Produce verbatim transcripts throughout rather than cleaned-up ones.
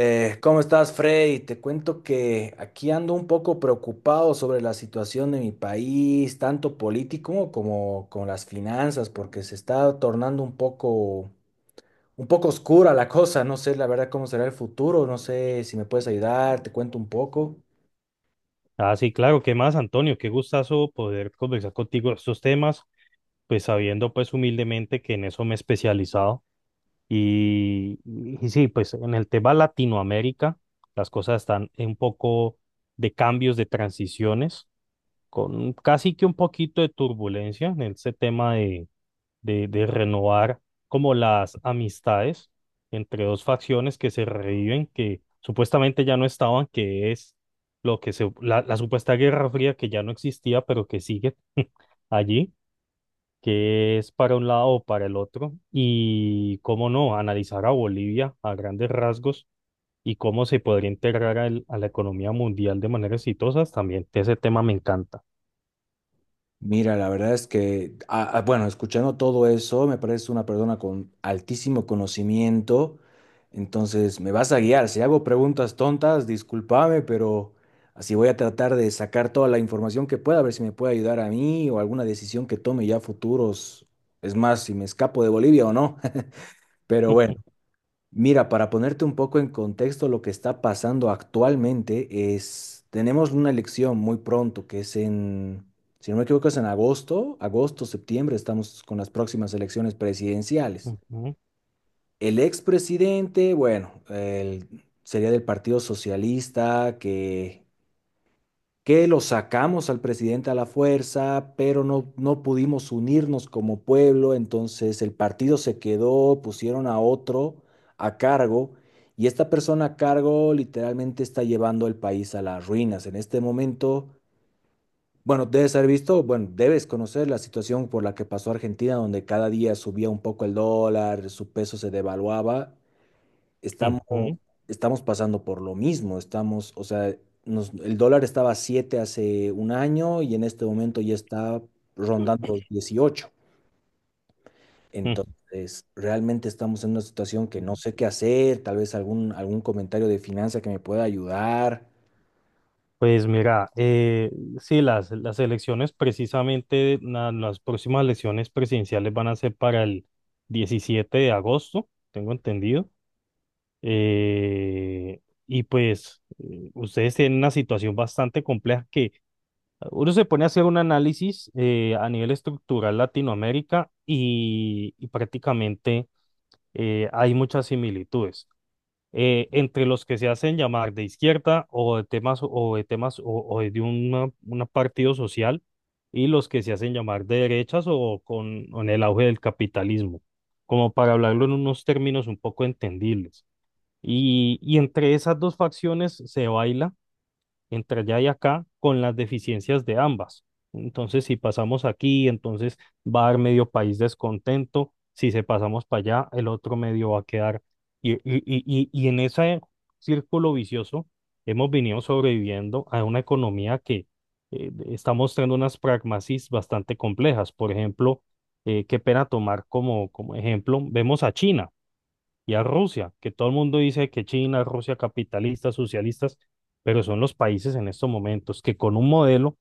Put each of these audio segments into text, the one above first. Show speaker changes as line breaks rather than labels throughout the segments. Eh, ¿cómo estás, Freddy? Te cuento que aquí ando un poco preocupado sobre la situación de mi país, tanto político como con las finanzas, porque se está tornando un poco, un poco oscura la cosa. No sé, la verdad, cómo será el futuro. No sé si me puedes ayudar, te cuento un poco.
Ah, sí, claro, ¿qué más, Antonio? Qué gustazo poder conversar contigo de estos temas, pues sabiendo pues humildemente que en eso me he especializado. Y, y sí, pues en el tema Latinoamérica, las cosas están un poco de cambios, de transiciones, con casi que un poquito de turbulencia en ese tema de, de renovar como las amistades entre dos facciones que se reviven, que supuestamente ya no estaban, que es lo que se, la, la supuesta Guerra Fría que ya no existía, pero que sigue allí, que es para un lado o para el otro, y cómo no, analizar a Bolivia a grandes rasgos y cómo se podría integrar al- a la economía mundial de manera exitosa, también ese tema me encanta.
Mira, la verdad es que, ah, ah, bueno, escuchando todo eso, me parece una persona con altísimo conocimiento. Entonces, me vas a guiar. Si hago preguntas tontas, discúlpame, pero así voy a tratar de sacar toda la información que pueda, a ver si me puede ayudar a mí o alguna decisión que tome ya futuros. Es más, si me escapo de Bolivia o no. Pero bueno. Mira, para ponerte un poco en contexto, lo que está pasando actualmente es, tenemos una elección muy pronto, que es en, si no me equivoco, es en agosto, agosto, septiembre, estamos con las próximas elecciones presidenciales.
Ujú,
El expresidente, bueno, él sería del Partido Socialista, que que lo sacamos al presidente a la fuerza, pero no, no pudimos unirnos como pueblo, entonces el partido se quedó, pusieron a otro a cargo y esta persona a cargo literalmente está llevando el país a las ruinas. En este momento, bueno, debes haber visto, bueno, debes conocer la situación por la que pasó Argentina, donde cada día subía un poco el dólar, su peso se devaluaba estamos,
ujú,
estamos pasando por lo mismo, estamos, o sea, nos- el dólar estaba a siete hace un año y en este momento ya está rondando los dieciocho.
ujú.
Entonces, realmente estamos en una situación que no sé qué hacer, tal vez algún, algún comentario de finanza que me pueda ayudar.
Pues mira, eh, sí, las, las elecciones precisamente, na- las próximas elecciones presidenciales van a ser para el diecisiete de agosto, tengo entendido. Eh, y pues eh, ustedes tienen una situación bastante compleja que uno se pone a hacer un análisis eh, a nivel estructural Latinoamérica y, y prácticamente eh, hay muchas similitudes eh, entre los que se hacen llamar de izquierda o de temas o de temas o, o de un una partido social y los que se hacen llamar de derechas o con, con el auge del capitalismo, como para hablarlo en unos términos un poco entendibles. Y, y entre esas dos facciones se baila entre allá y acá con las deficiencias de ambas. Entonces, si pasamos aquí, entonces va a haber medio país descontento. Si se pasamos para allá, el otro medio va a quedar. Y, y, y, y y en ese círculo vicioso hemos venido sobreviviendo a una economía que eh, está mostrando unas pragmasis bastante complejas. Por ejemplo, eh, qué pena tomar como, como ejemplo, vemos a China y a Rusia, que todo el mundo dice que China, Rusia, capitalistas, socialistas, pero son los países en estos momentos que con un modelo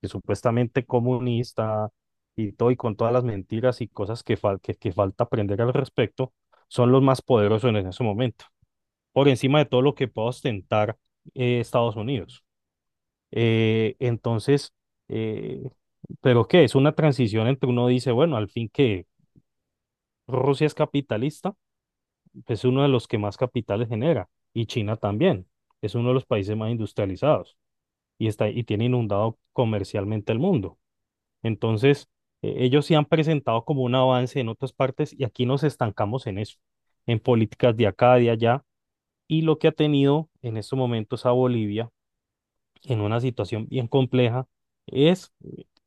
que supuestamente comunista y todo y con todas las mentiras y cosas que, fal- que, que falta aprender al respecto, son los más poderosos en ese momento, por encima de todo lo que pueda ostentar eh, Estados Unidos. Eh, entonces, eh, ¿pero qué? Es una transición entre uno dice, bueno, al fin que Rusia es capitalista, es uno de los que más capitales genera, y China también, es uno de los países más industrializados y, está, y tiene inundado comercialmente el mundo. Entonces, eh, ellos sí han presentado como un avance en otras partes y aquí nos estancamos en eso, en políticas de acá, de allá, y lo que ha tenido en estos momentos a Bolivia en una situación bien compleja es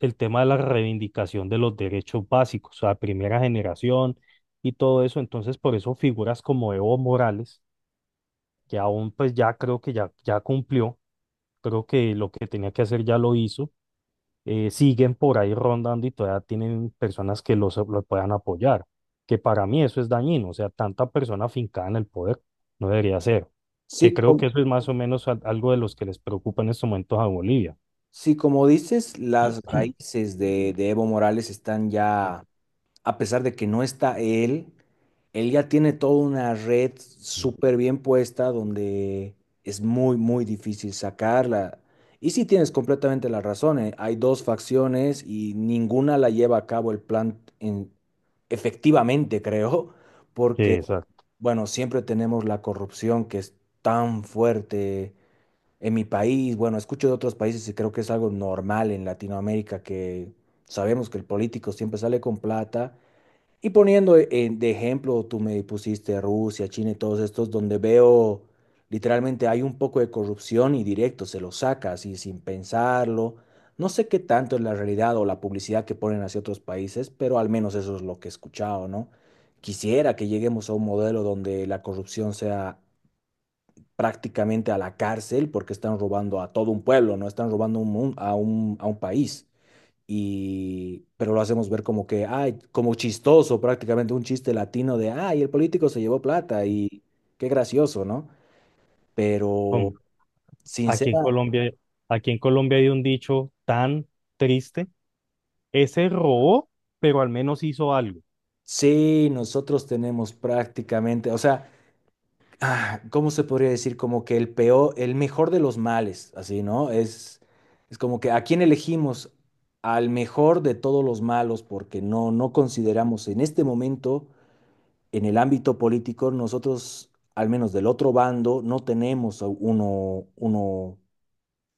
el tema de la reivindicación de los derechos básicos, o sea, primera generación y todo eso. Entonces, por eso figuras como Evo Morales, que aún pues ya creo que ya, ya cumplió, creo que lo que tenía que hacer ya lo hizo, eh, siguen por ahí rondando y todavía tienen personas que los, lo puedan apoyar, que para mí eso es dañino, o sea, tanta persona afincada en el poder no debería ser, que
Sí,
creo
como,
que eso es más o menos al- algo de los que les preocupa en estos momentos a Bolivia.
sí, como dices, las raíces de, de Evo Morales están ya a pesar de que no está él, él ya tiene toda una red
Ujú.
súper bien puesta donde es muy, muy difícil sacarla. Y sí tienes completamente la razón, eh, hay dos facciones y ninguna la lleva a cabo el plan en- efectivamente, creo,
Que
porque,
exacto.
bueno, siempre tenemos la corrupción que es tan fuerte en mi país. Bueno, escucho de otros países y creo que es algo normal en Latinoamérica que sabemos que el político siempre sale con plata y poniendo eh, de ejemplo, tú me pusiste Rusia, China y todos estos, donde veo literalmente hay un poco de corrupción y directo, se lo saca así sin pensarlo. No sé qué tanto es la realidad o la publicidad que ponen hacia otros países, pero al menos eso es lo que he escuchado, ¿no? Quisiera que lleguemos a un modelo donde la corrupción sea prácticamente a la cárcel porque están robando a todo un pueblo, no están robando un mun- a un, a un país y pero lo hacemos ver como que, ay, como chistoso, prácticamente un chiste latino de, ay, el político se llevó plata y qué gracioso, ¿no?
Hom-
Pero
Aquí en
sincera,
Colombia, aquí en Colombia hay un dicho tan triste, ese robó, pero al menos hizo algo.
sí, nosotros tenemos prácticamente, o sea, ah, ¿cómo se podría decir? Como que el peor, el mejor de los males, así, ¿no? Es, es como que a quién elegimos al mejor de todos los malos porque no, no consideramos en este momento en el ámbito político nosotros, al menos del otro bando, no tenemos uno, uno,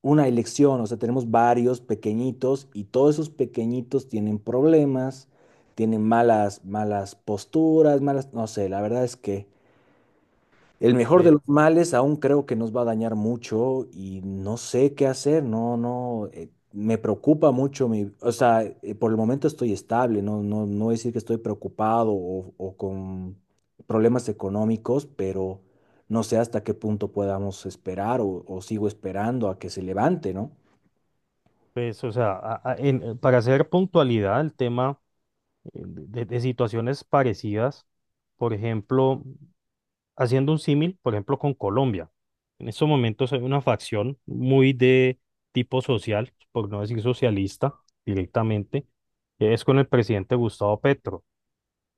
una elección, o sea, tenemos varios pequeñitos y todos esos pequeñitos tienen problemas, tienen malas, malas posturas, malas, no sé, la verdad es que el mejor de
Eh,
los males aún creo que nos va a dañar mucho y no sé qué hacer, no, no, eh, me preocupa mucho, mi, o sea, eh, por el momento estoy estable, no, no, no decir que estoy preocupado o, o con problemas económicos, pero no sé hasta qué punto podamos esperar o, o sigo esperando a que se levante, ¿no?
Pues, o sea, a- a- en- para hacer puntualidad el tema eh, de, de situaciones parecidas, por ejemplo, haciendo un símil, por ejemplo, con Colombia. En estos momentos hay una facción muy de tipo social, por no decir socialista directamente, que es con el presidente Gustavo Petro,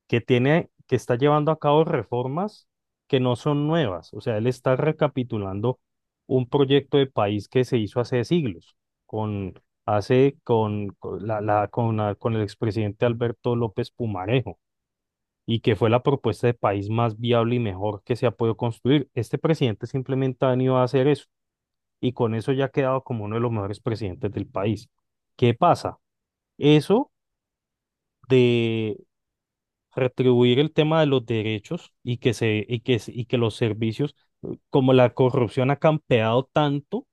que tiene, que está llevando a cabo reformas que no son nuevas. O sea, él está recapitulando un proyecto de país que se hizo hace siglos, con, hace, con, con la, la- con, la- con el expresidente Alberto López Pumarejo, y que fue la propuesta de país más viable y mejor que se ha podido construir. Este presidente simplemente ha venido a hacer eso, y con eso ya ha quedado como uno de los mejores presidentes del país. ¿Qué pasa? Eso de retribuir el tema de los derechos y que se y que se- y que los servicios, como la corrupción ha campeado tanto,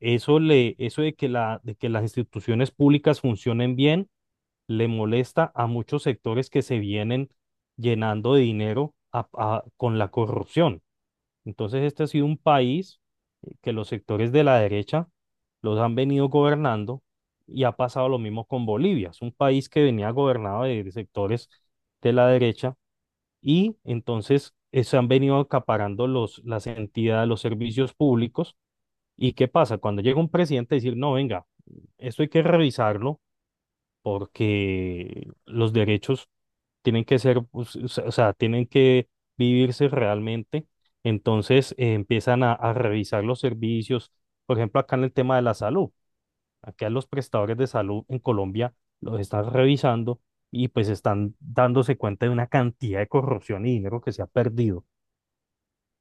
eso le eso de que la de que las instituciones públicas funcionen bien le molesta a muchos sectores que se vienen llenando de dinero a- a- con la corrupción. Entonces, este ha sido un país que los sectores de la derecha los han venido gobernando y ha pasado lo mismo con Bolivia. Es un país que venía gobernado de de sectores de la derecha y entonces eh, se han venido acaparando los, las entidades, los servicios públicos. ¿Y qué pasa? Cuando llega un presidente a decir, no, venga, esto hay que revisarlo porque los derechos tienen que ser, pues, o sea, o sea, tienen que vivirse realmente. Entonces eh, empiezan a, a revisar los servicios, por ejemplo, acá en el tema de la salud. Acá los prestadores de salud en Colombia los están revisando y pues están dándose cuenta de una cantidad de corrupción y dinero que se ha perdido.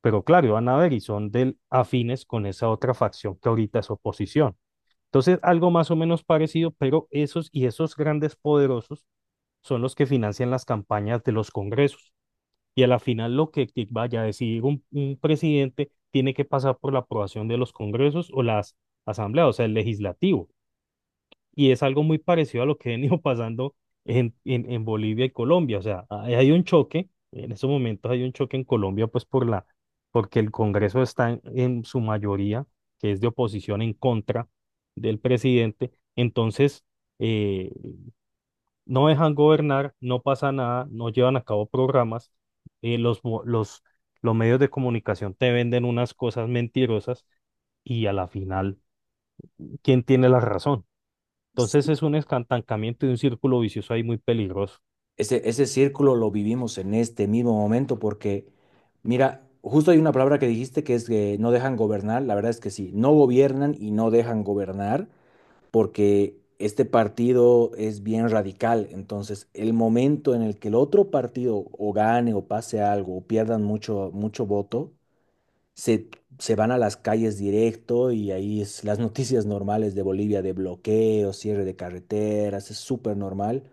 Pero claro, van a ver y son del afines con esa otra facción que ahorita es oposición. Entonces, algo más o menos parecido, pero esos y esos grandes poderosos son los que financian las campañas de los congresos. Y a la final lo que que vaya a decidir un, un presidente tiene que pasar por la aprobación de los congresos o las asambleas, o sea, el legislativo. Y es algo muy parecido a lo que ha venido pasando en, en, en Bolivia y Colombia. O sea, hay, hay un choque, en estos momentos hay un choque en Colombia, pues por la, porque el Congreso está en, en su mayoría, que es de oposición en contra del presidente. Entonces, eh, no dejan gobernar, no pasa nada, no llevan a cabo programas, eh, los, mo- los, los medios de comunicación te venden unas cosas mentirosas y a la final, ¿quién tiene la razón? Entonces es un estancamiento y un círculo vicioso ahí muy peligroso.
Ese, ese círculo lo vivimos en este mismo momento porque, mira, justo hay una palabra que dijiste que es que no dejan gobernar. La verdad es que sí, no gobiernan y no dejan gobernar porque este partido es bien radical. Entonces, el momento en el que el otro partido o gane o pase algo o pierdan mucho, mucho voto, se, se van a las calles directo y ahí es las noticias normales de Bolivia de bloqueo, cierre de carreteras, es súper normal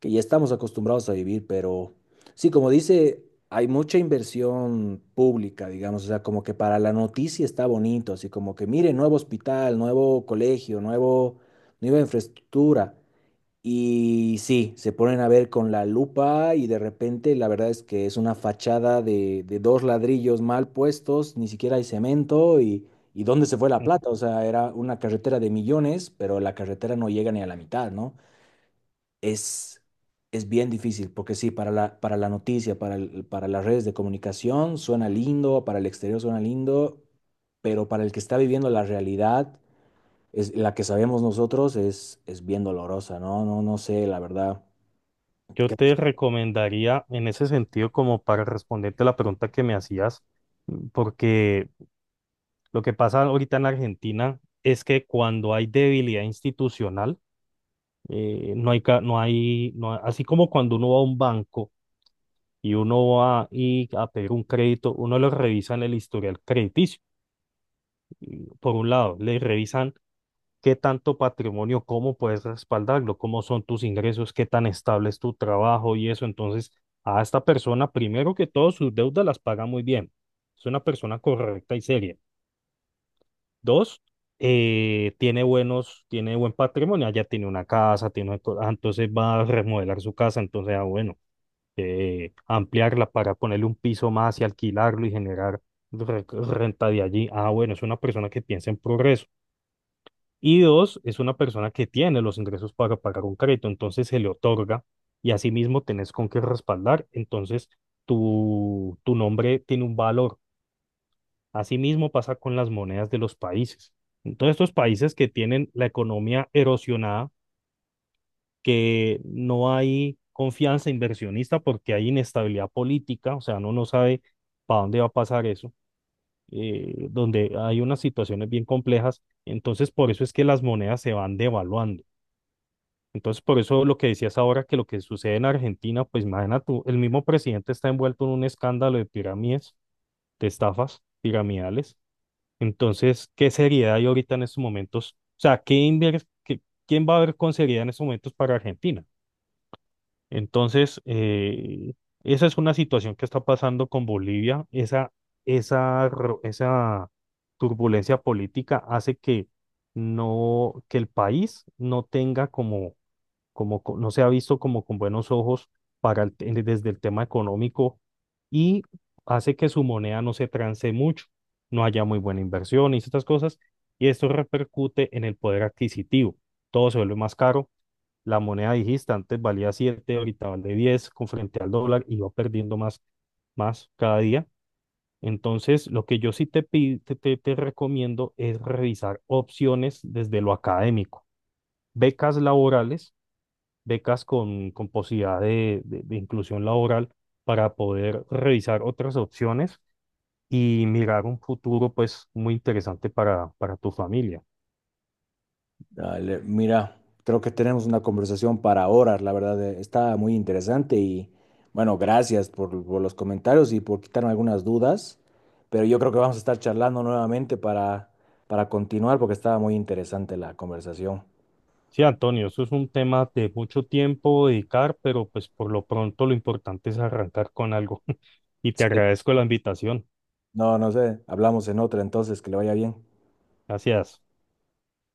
que ya estamos acostumbrados a vivir, pero sí, como dice, hay mucha inversión pública, digamos, o sea, como que para la noticia está bonito, así como que mire, nuevo hospital, nuevo colegio, nuevo, nueva infraestructura. Y sí, se ponen a ver con la lupa y de repente la verdad es que es una fachada de, de dos ladrillos mal puestos, ni siquiera hay cemento y, y ¿dónde se fue la
Ujú.
plata? O sea, era una carretera de millones, pero la carretera no llega ni a la mitad, ¿no? es, es bien difícil, porque sí, para la, para la noticia, para el- para las redes de comunicación suena lindo, para el exterior suena lindo, pero para el que está viviendo la realidad, es, la que sabemos nosotros, es, es bien dolorosa, ¿no? No, no sé, la verdad.
Yo te recomendaría en ese sentido como para responderte la pregunta que me hacías, porque lo que pasa ahorita en Argentina es que cuando hay debilidad institucional, eh, no hay, ca- no hay, no hay- así como cuando uno va a un banco y uno va y a pedir un crédito, uno lo revisa en el historial crediticio. Y por un lado, le revisan qué tanto patrimonio, cómo puedes respaldarlo, cómo son tus ingresos, qué tan estable es tu trabajo y eso. Entonces, a esta persona, primero que todo, sus deudas las paga muy bien. Es una persona correcta y seria. Dos, eh, tiene buenos, tiene buen patrimonio, allá tiene una casa, tiene, una co- ah, entonces va a remodelar su casa, entonces, ah, bueno, eh, ampliarla para ponerle un piso más y alquilarlo y generar re- renta de allí. Ah, bueno, es una persona que piensa en progreso. Y dos, es una persona que tiene los ingresos para pagar un crédito, entonces se le otorga, y asimismo tenés con qué respaldar, entonces tu, tu nombre tiene un valor. Asimismo pasa con las monedas de los países. Entonces estos países que tienen la economía erosionada, que no hay confianza inversionista porque hay inestabilidad política, o sea, uno no sabe para dónde va a pasar eso, eh, donde hay unas situaciones bien complejas, entonces por eso es que las monedas se van devaluando. Entonces, por eso lo que decías ahora, que lo que sucede en Argentina, pues imagina tú, el mismo presidente está envuelto en un escándalo de pirámides, de estafas piramidales. Entonces, ¿qué seriedad hay ahorita en estos momentos? O sea, ¿qué inver- qué- ¿quién va a ver con seriedad en estos momentos para Argentina? Entonces, eh, esa es una situación que está pasando con Bolivia. Esa, esa, ro- esa turbulencia política hace que, no, que el país no tenga como como co- no se ha visto como con buenos ojos para el te- desde el tema económico, y hace que su moneda no se transe mucho, no haya muy buena inversión y estas cosas, y esto repercute en el poder adquisitivo. Todo se vuelve más caro. La moneda, dijiste, antes valía siete, ahorita vale diez con frente al dólar y va perdiendo más, más cada día. Entonces, lo que yo sí te, pi- te, te te recomiendo es revisar opciones desde lo académico, becas laborales, becas con, con posibilidad de, de- de inclusión laboral, para poder revisar otras opciones y mirar un futuro pues muy interesante para, para tu familia.
Dale, mira, creo que tenemos una conversación para horas, la verdad, eh, está muy interesante y bueno, gracias por, por los comentarios y por quitarme algunas dudas, pero yo creo que vamos a estar charlando nuevamente para, para continuar porque estaba muy interesante la conversación.
Sí, Antonio, eso es un tema de mucho tiempo dedicar, pero pues por lo pronto lo importante es arrancar con algo. Y te
Sí.
agradezco la invitación.
No, no sé, hablamos en otra entonces, que le vaya bien.
Gracias.